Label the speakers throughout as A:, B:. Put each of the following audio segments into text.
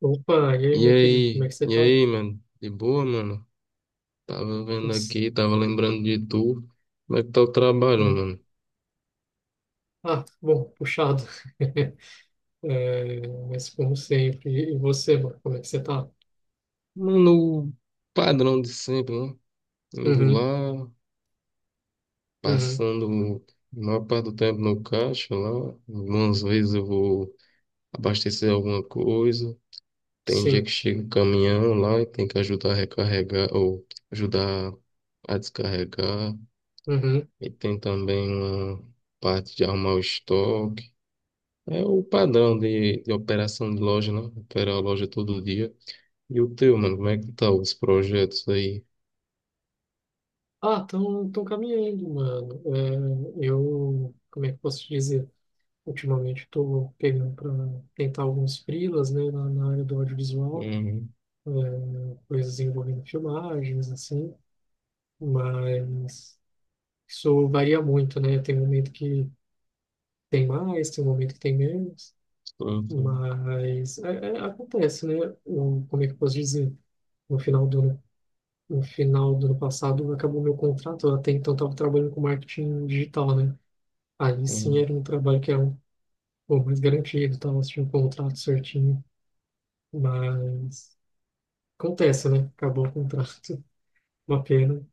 A: Opa, e aí, meu querido, como é que você
B: E
A: tá?
B: aí, mano? De boa, mano? Tava
A: Tudo...
B: vendo
A: s-
B: aqui, tava lembrando de tu. Como é que tá o trabalho,
A: né?
B: mano?
A: Ah, bom, puxado. É, mas como sempre, e você, mano, como é que você tá?
B: Mano, o padrão de sempre, né? Indo
A: Uhum,
B: lá,
A: uhum,
B: passando a maior parte do tempo no caixa lá. Algumas vezes eu vou abastecer alguma coisa. Tem dia
A: sim,
B: que chega o caminhão lá e tem que ajudar a recarregar ou ajudar a descarregar.
A: uhum.
B: E tem também uma parte de arrumar o estoque. É o padrão de operação de loja, né? Operar a loja todo dia. E o teu, mano, como é que tá os projetos aí?
A: Ah, tão, tão caminhando, mano. É, eu, como é que eu posso te dizer? Ultimamente estou pegando para tentar alguns freelas, né, na, área do audiovisual,
B: Uhum.
A: é, coisas envolvendo filmagens, assim, mas isso varia muito, né? Tem um momento que tem mais, tem um momento que tem menos,
B: tô- tô-
A: mas acontece, né? Eu, como é que eu posso dizer? No final do ano, no final do ano passado acabou meu contrato, eu até então estava trabalhando com marketing digital, né? Aí sim
B: uhum.
A: era um trabalho que era um pouco mais garantido, tava tinha um contrato certinho, mas acontece, né? Acabou o contrato, uma pena,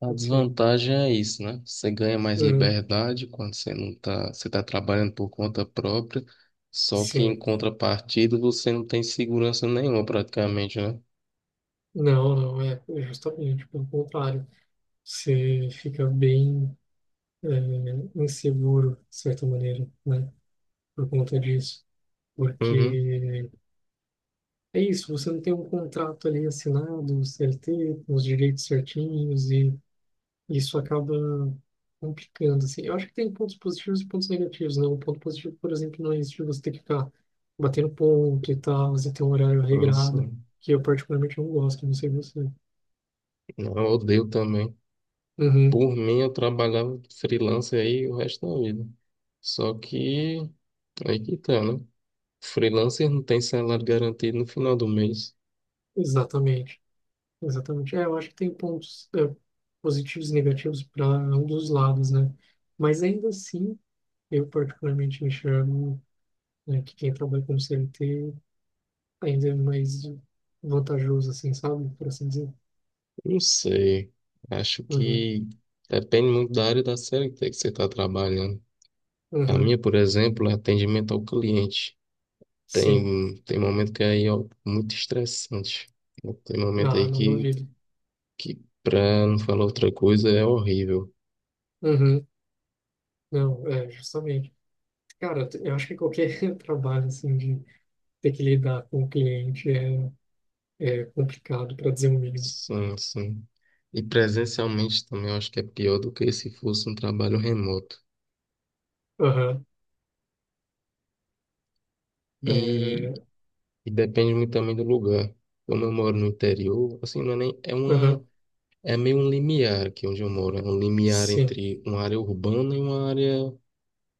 B: A
A: enfim.
B: desvantagem é isso, né? Você ganha mais
A: Uhum,
B: liberdade quando você não tá, você tá trabalhando por conta própria, só que em
A: sim.
B: contrapartida você não tem segurança nenhuma praticamente, né?
A: Não, não, é justamente pelo contrário. Você fica bem inseguro, de certa maneira, né? Por conta disso.
B: Uhum.
A: Porque é isso, você não tem um contrato ali assinado, CLT, com os direitos certinhos, e isso acaba complicando, assim. Eu acho que tem pontos positivos e pontos negativos, né? Um ponto positivo, por exemplo, não é isso de você ter que ficar batendo ponto e tal, você ter um horário
B: Nossa,
A: regrado, que eu particularmente não gosto, não sei você.
B: não, eu odeio também.
A: Uhum,
B: Por mim, eu trabalhava freelancer aí o resto da vida. Só que aí que tá, né? Freelancer não tem salário garantido no final do mês.
A: exatamente. Exatamente. É, eu acho que tem pontos positivos e negativos para ambos os lados, né? Mas ainda assim, eu particularmente enxergo, né, que quem trabalha com CLT ainda é mais vantajoso, assim, sabe? Por assim dizer.
B: Não sei. Acho
A: Uhum,
B: que depende muito da área da CLT que você está trabalhando. A
A: uhum,
B: minha, por exemplo, é atendimento ao cliente.
A: sim.
B: Tem momento que aí é muito estressante. Tem momento
A: Ah,
B: aí
A: não
B: que,
A: duvido.
B: que para não falar outra coisa, é horrível.
A: Uhum, não, é, justamente. Cara, eu acho que qualquer trabalho, assim, de ter que lidar com o cliente é complicado, para dizer o mínimo.
B: Sim, sim. E presencialmente também eu acho que é pior do que se fosse um trabalho remoto.
A: Aham,
B: E
A: é,
B: E depende muito também do lugar. Como eu moro no interior, assim, não é nem, é
A: aham,
B: uma, é meio um limiar aqui onde eu moro. É um limiar
A: sim.
B: entre uma área urbana e uma área,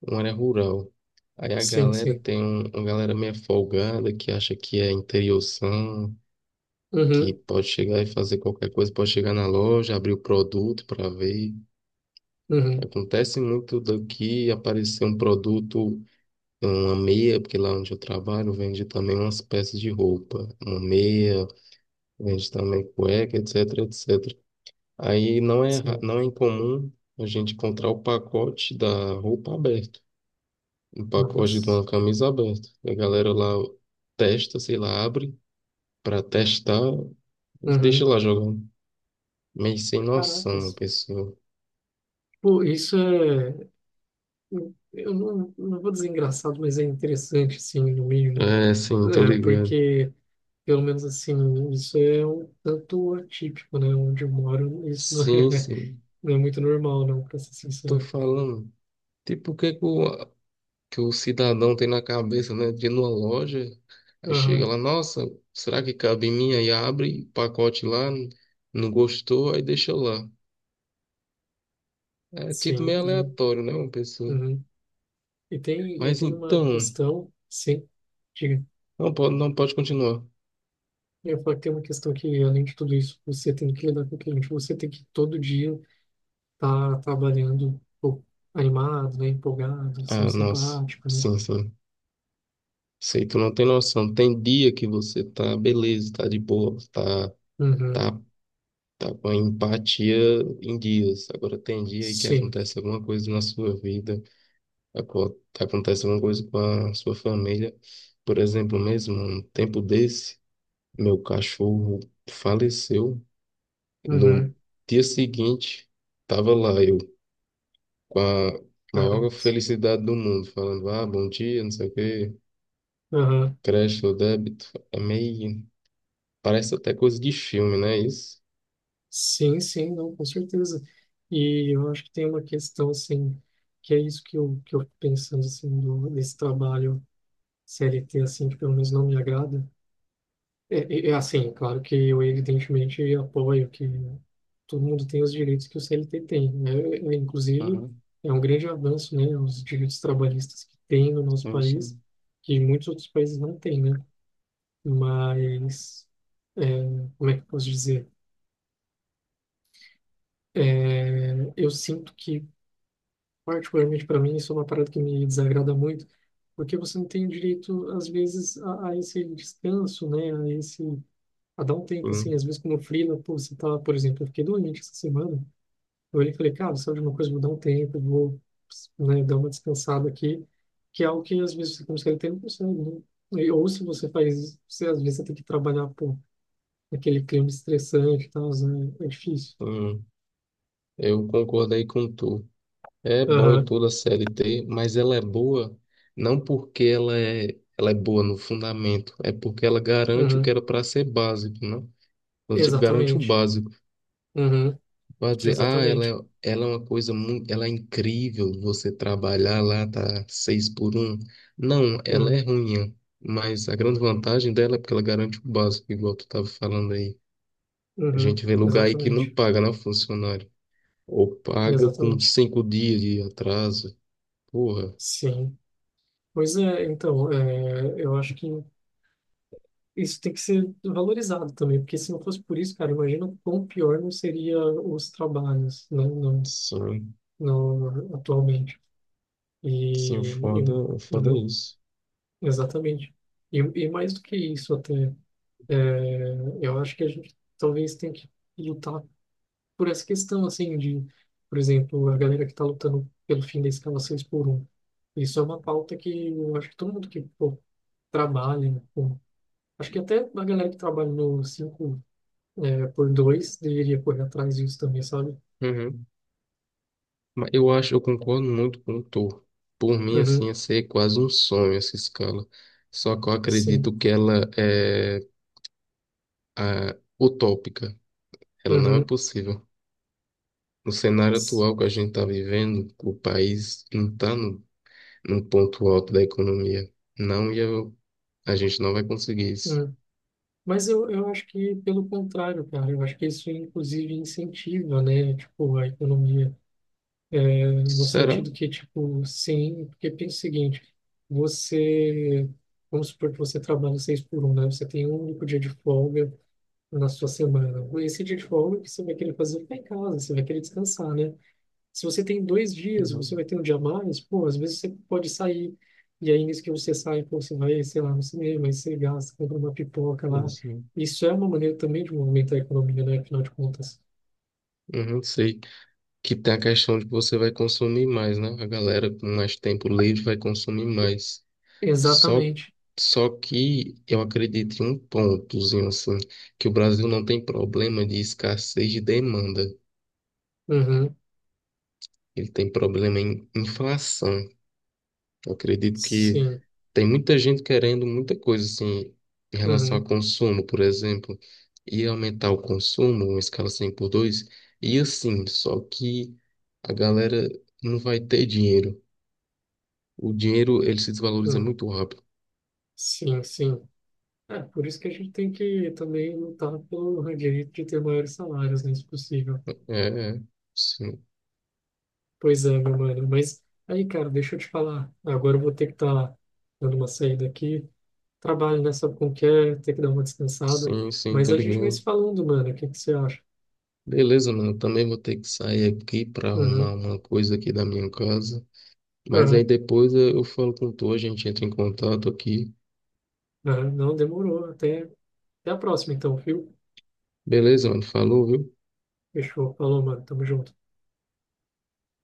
B: uma área rural. Aí a
A: Sim,
B: galera
A: sim.
B: uma galera meio folgada que acha que é interiorzão, que
A: Uhum,
B: pode chegar e fazer qualquer coisa, pode chegar na loja, abrir o produto para ver.
A: uhum,
B: Acontece muito daqui aparecer um produto, uma meia, porque lá onde eu trabalho vende também umas peças de roupa, uma meia. Vende também cueca, etc, etc. Aí não é, ra-
A: sim.
B: Não é incomum a gente encontrar o pacote da roupa aberto, um pacote de
A: Nossa.
B: uma camisa aberta. A galera lá testa, sei lá, abre para testar e deixa
A: Uhum.
B: lá jogando. Meio sem noção, uma
A: Caracas.
B: pessoa.
A: Pô, isso é. Eu não, não vou dizer engraçado, mas é interessante, assim, no mínimo.
B: É, sim, tô
A: É,
B: ligado.
A: porque, pelo menos assim, isso é um tanto atípico, né? Onde eu moro, isso não é,
B: Sim, sim,
A: não é muito normal, não, pra ser
B: tô
A: sincero.
B: falando. Tipo, o que é que o cidadão tem na cabeça, né? De ir numa loja, aí chega
A: Aham,
B: lá, nossa, será que cabe em mim? Aí abre o pacote lá, não gostou, aí deixa lá. É tipo
A: sim.
B: meio
A: E,
B: aleatório, né, uma pessoa.
A: uhum. E
B: Mas
A: tem uma
B: então,
A: questão, sim. Diga.
B: não pode, não pode continuar.
A: Eu ia falar que tem uma questão que, além de tudo isso, você tem que lidar com o cliente. Você tem que todo dia tá trabalhando pô, animado, né? Empolgado, sendo
B: Ah, nossa,
A: simpático, né?
B: sim, sim. Sei, tu não tem noção. Tem dia que você tá beleza, tá de boa,
A: Uhum,
B: tá, tá com a empatia em dias. Agora tem dia aí que
A: sim.
B: acontece alguma coisa na sua vida. Acontece alguma coisa com a sua família. Por exemplo, mesmo um tempo desse, meu cachorro faleceu. No
A: Uhum,
B: dia seguinte, estava lá eu com a
A: cara.
B: maior felicidade do mundo, falando: Ah, bom dia, não sei o quê,
A: Aham.
B: crédito ou débito. É meio. Parece até coisa de filme, né? Isso.
A: Sim, sim, não, com certeza. E eu acho que tem uma questão, assim, que é isso que eu fico pensando, assim, do, desse trabalho CLT, assim, que pelo menos não me agrada. É, é assim, claro que eu evidentemente apoio que todo mundo tem os direitos que o CLT tem, né? É, inclusive,
B: Uhum,
A: é um grande avanço, né, os direitos trabalhistas que tem no nosso
B: sim,
A: país,
B: sim.
A: que muitos outros países não têm, né? Mas, é, como é que eu posso dizer? Eu sinto que, particularmente para mim, isso é uma parada que me desagrada muito, porque você não tem direito, às vezes, a esse descanso, né, a esse... a dar um tempo, assim,
B: Hum,
A: às vezes como freela, pô, você tá, por exemplo, eu fiquei doente essa semana. Eu olhei e falei, cara, sabe de uma coisa, vou dar um tempo, vou, né, dar uma descansada aqui, que é algo que às vezes você consegue ter, não consegue, né? Ou se você faz, você às vezes você tem que trabalhar, por aquele clima estressante e tal, né? É difícil.
B: hum. Eu concordei com tu. É bom em
A: Aham,
B: toda a C L T, mas ela é boa não porque ela é boa no fundamento, é porque ela garante o que
A: uhum,
B: era para ser básico, né? Ela, tipo, garante o
A: exatamente.
B: básico.
A: Uhum,
B: Vai dizer, ah,
A: exatamente.
B: ela é uma coisa muito, ela é incrível você trabalhar lá, tá seis por um. Não, ela é
A: Uhum,
B: ruim, mas a grande vantagem dela é porque ela garante o básico, igual tu tava falando aí. A
A: uhum,
B: gente vê lugar aí que não
A: exatamente.
B: paga, né, funcionário? Ou paga com
A: Exatamente.
B: cinco dias de atraso. Porra.
A: Sim. Pois é, então, é, eu acho que isso tem que ser valorizado também, porque se não fosse por isso, cara, imagina o quão pior não seria os trabalhos, né,
B: Sim.
A: no, atualmente.
B: Sim,
A: E,
B: o foda é
A: uhum,
B: isso.
A: exatamente. E mais do que isso até, é, eu acho que a gente talvez tenha que lutar por essa questão, assim, de, por exemplo, a galera que está lutando pelo fim da escala 6 por um. Isso é uma pauta que eu acho que todo mundo que pô, trabalha, né, pô, acho que até a galera que trabalha no 5 por dois, deveria correr atrás disso também, sabe?
B: Uhum. Mas eu concordo muito com o Thor. Por mim, assim,
A: Uhum,
B: ia ser quase um sonho essa escala. Só que eu
A: sim.
B: acredito que ela é utópica. Ela não é
A: Uhum.
B: possível. No cenário
A: s-
B: atual que a gente está vivendo, o país não está no ponto alto da economia. Não ia, a gente não vai conseguir isso.
A: hum. Mas eu acho que pelo contrário, cara, eu acho que isso inclusive incentiva, né, tipo, a economia, né, no
B: Será?
A: sentido que, tipo, sim, porque pensa o seguinte, você, vamos supor que você trabalha seis por um, né, você tem um único dia de folga na sua semana, esse dia de folga que você vai querer fazer ficar em casa, você vai querer descansar, né? Se você tem dois dias, você
B: Uhum.
A: vai ter um dia a mais, pô, às vezes você pode sair. E aí, nisso que você sai, pô, você vai, sei lá, no cinema, aí você gasta, compra uma pipoca
B: Não
A: lá.
B: sei.
A: Isso é uma maneira também de movimentar a economia, né? Afinal de contas.
B: Uhum, sei. Que tem a questão de que você vai consumir mais, né? A galera com mais tempo livre vai consumir mais. Só,
A: Exatamente.
B: só que eu acredito em um pontozinho assim, que o Brasil não tem problema de escassez de demanda.
A: Uhum.
B: Ele tem problema em inflação. Eu acredito que
A: Sim.
B: tem muita gente querendo muita coisa assim em relação a
A: Uhum.
B: consumo, por exemplo, e aumentar o consumo, uma escala 100 por 2 e assim, só que a galera não vai ter dinheiro. O dinheiro, ele se desvaloriza
A: Uhum.
B: muito rápido.
A: Sim, sim. É, por isso que a gente tem que também lutar pelo direito de ter maiores salários, né, se possível.
B: É, é. Sim,
A: Pois é, meu mano. Mas aí, cara, deixa eu te falar. Agora eu vou ter que estar dando uma saída aqui. Trabalho, né? Sabe como que é? Ter que dar uma descansada.
B: sim, sim,
A: Mas
B: tô
A: a gente vai se
B: ligando.
A: falando, mano. O que que você acha?
B: Beleza, mano, também vou ter que sair aqui para
A: Uhum,
B: arrumar uma coisa aqui da minha casa. Mas aí
A: uhum,
B: depois eu falo com tu, a gente entra em contato aqui.
A: uhum. Não demorou. Até, até a próxima, então, viu?
B: Beleza, mano, falou, viu?
A: Fechou. Falou, mano. Tamo junto.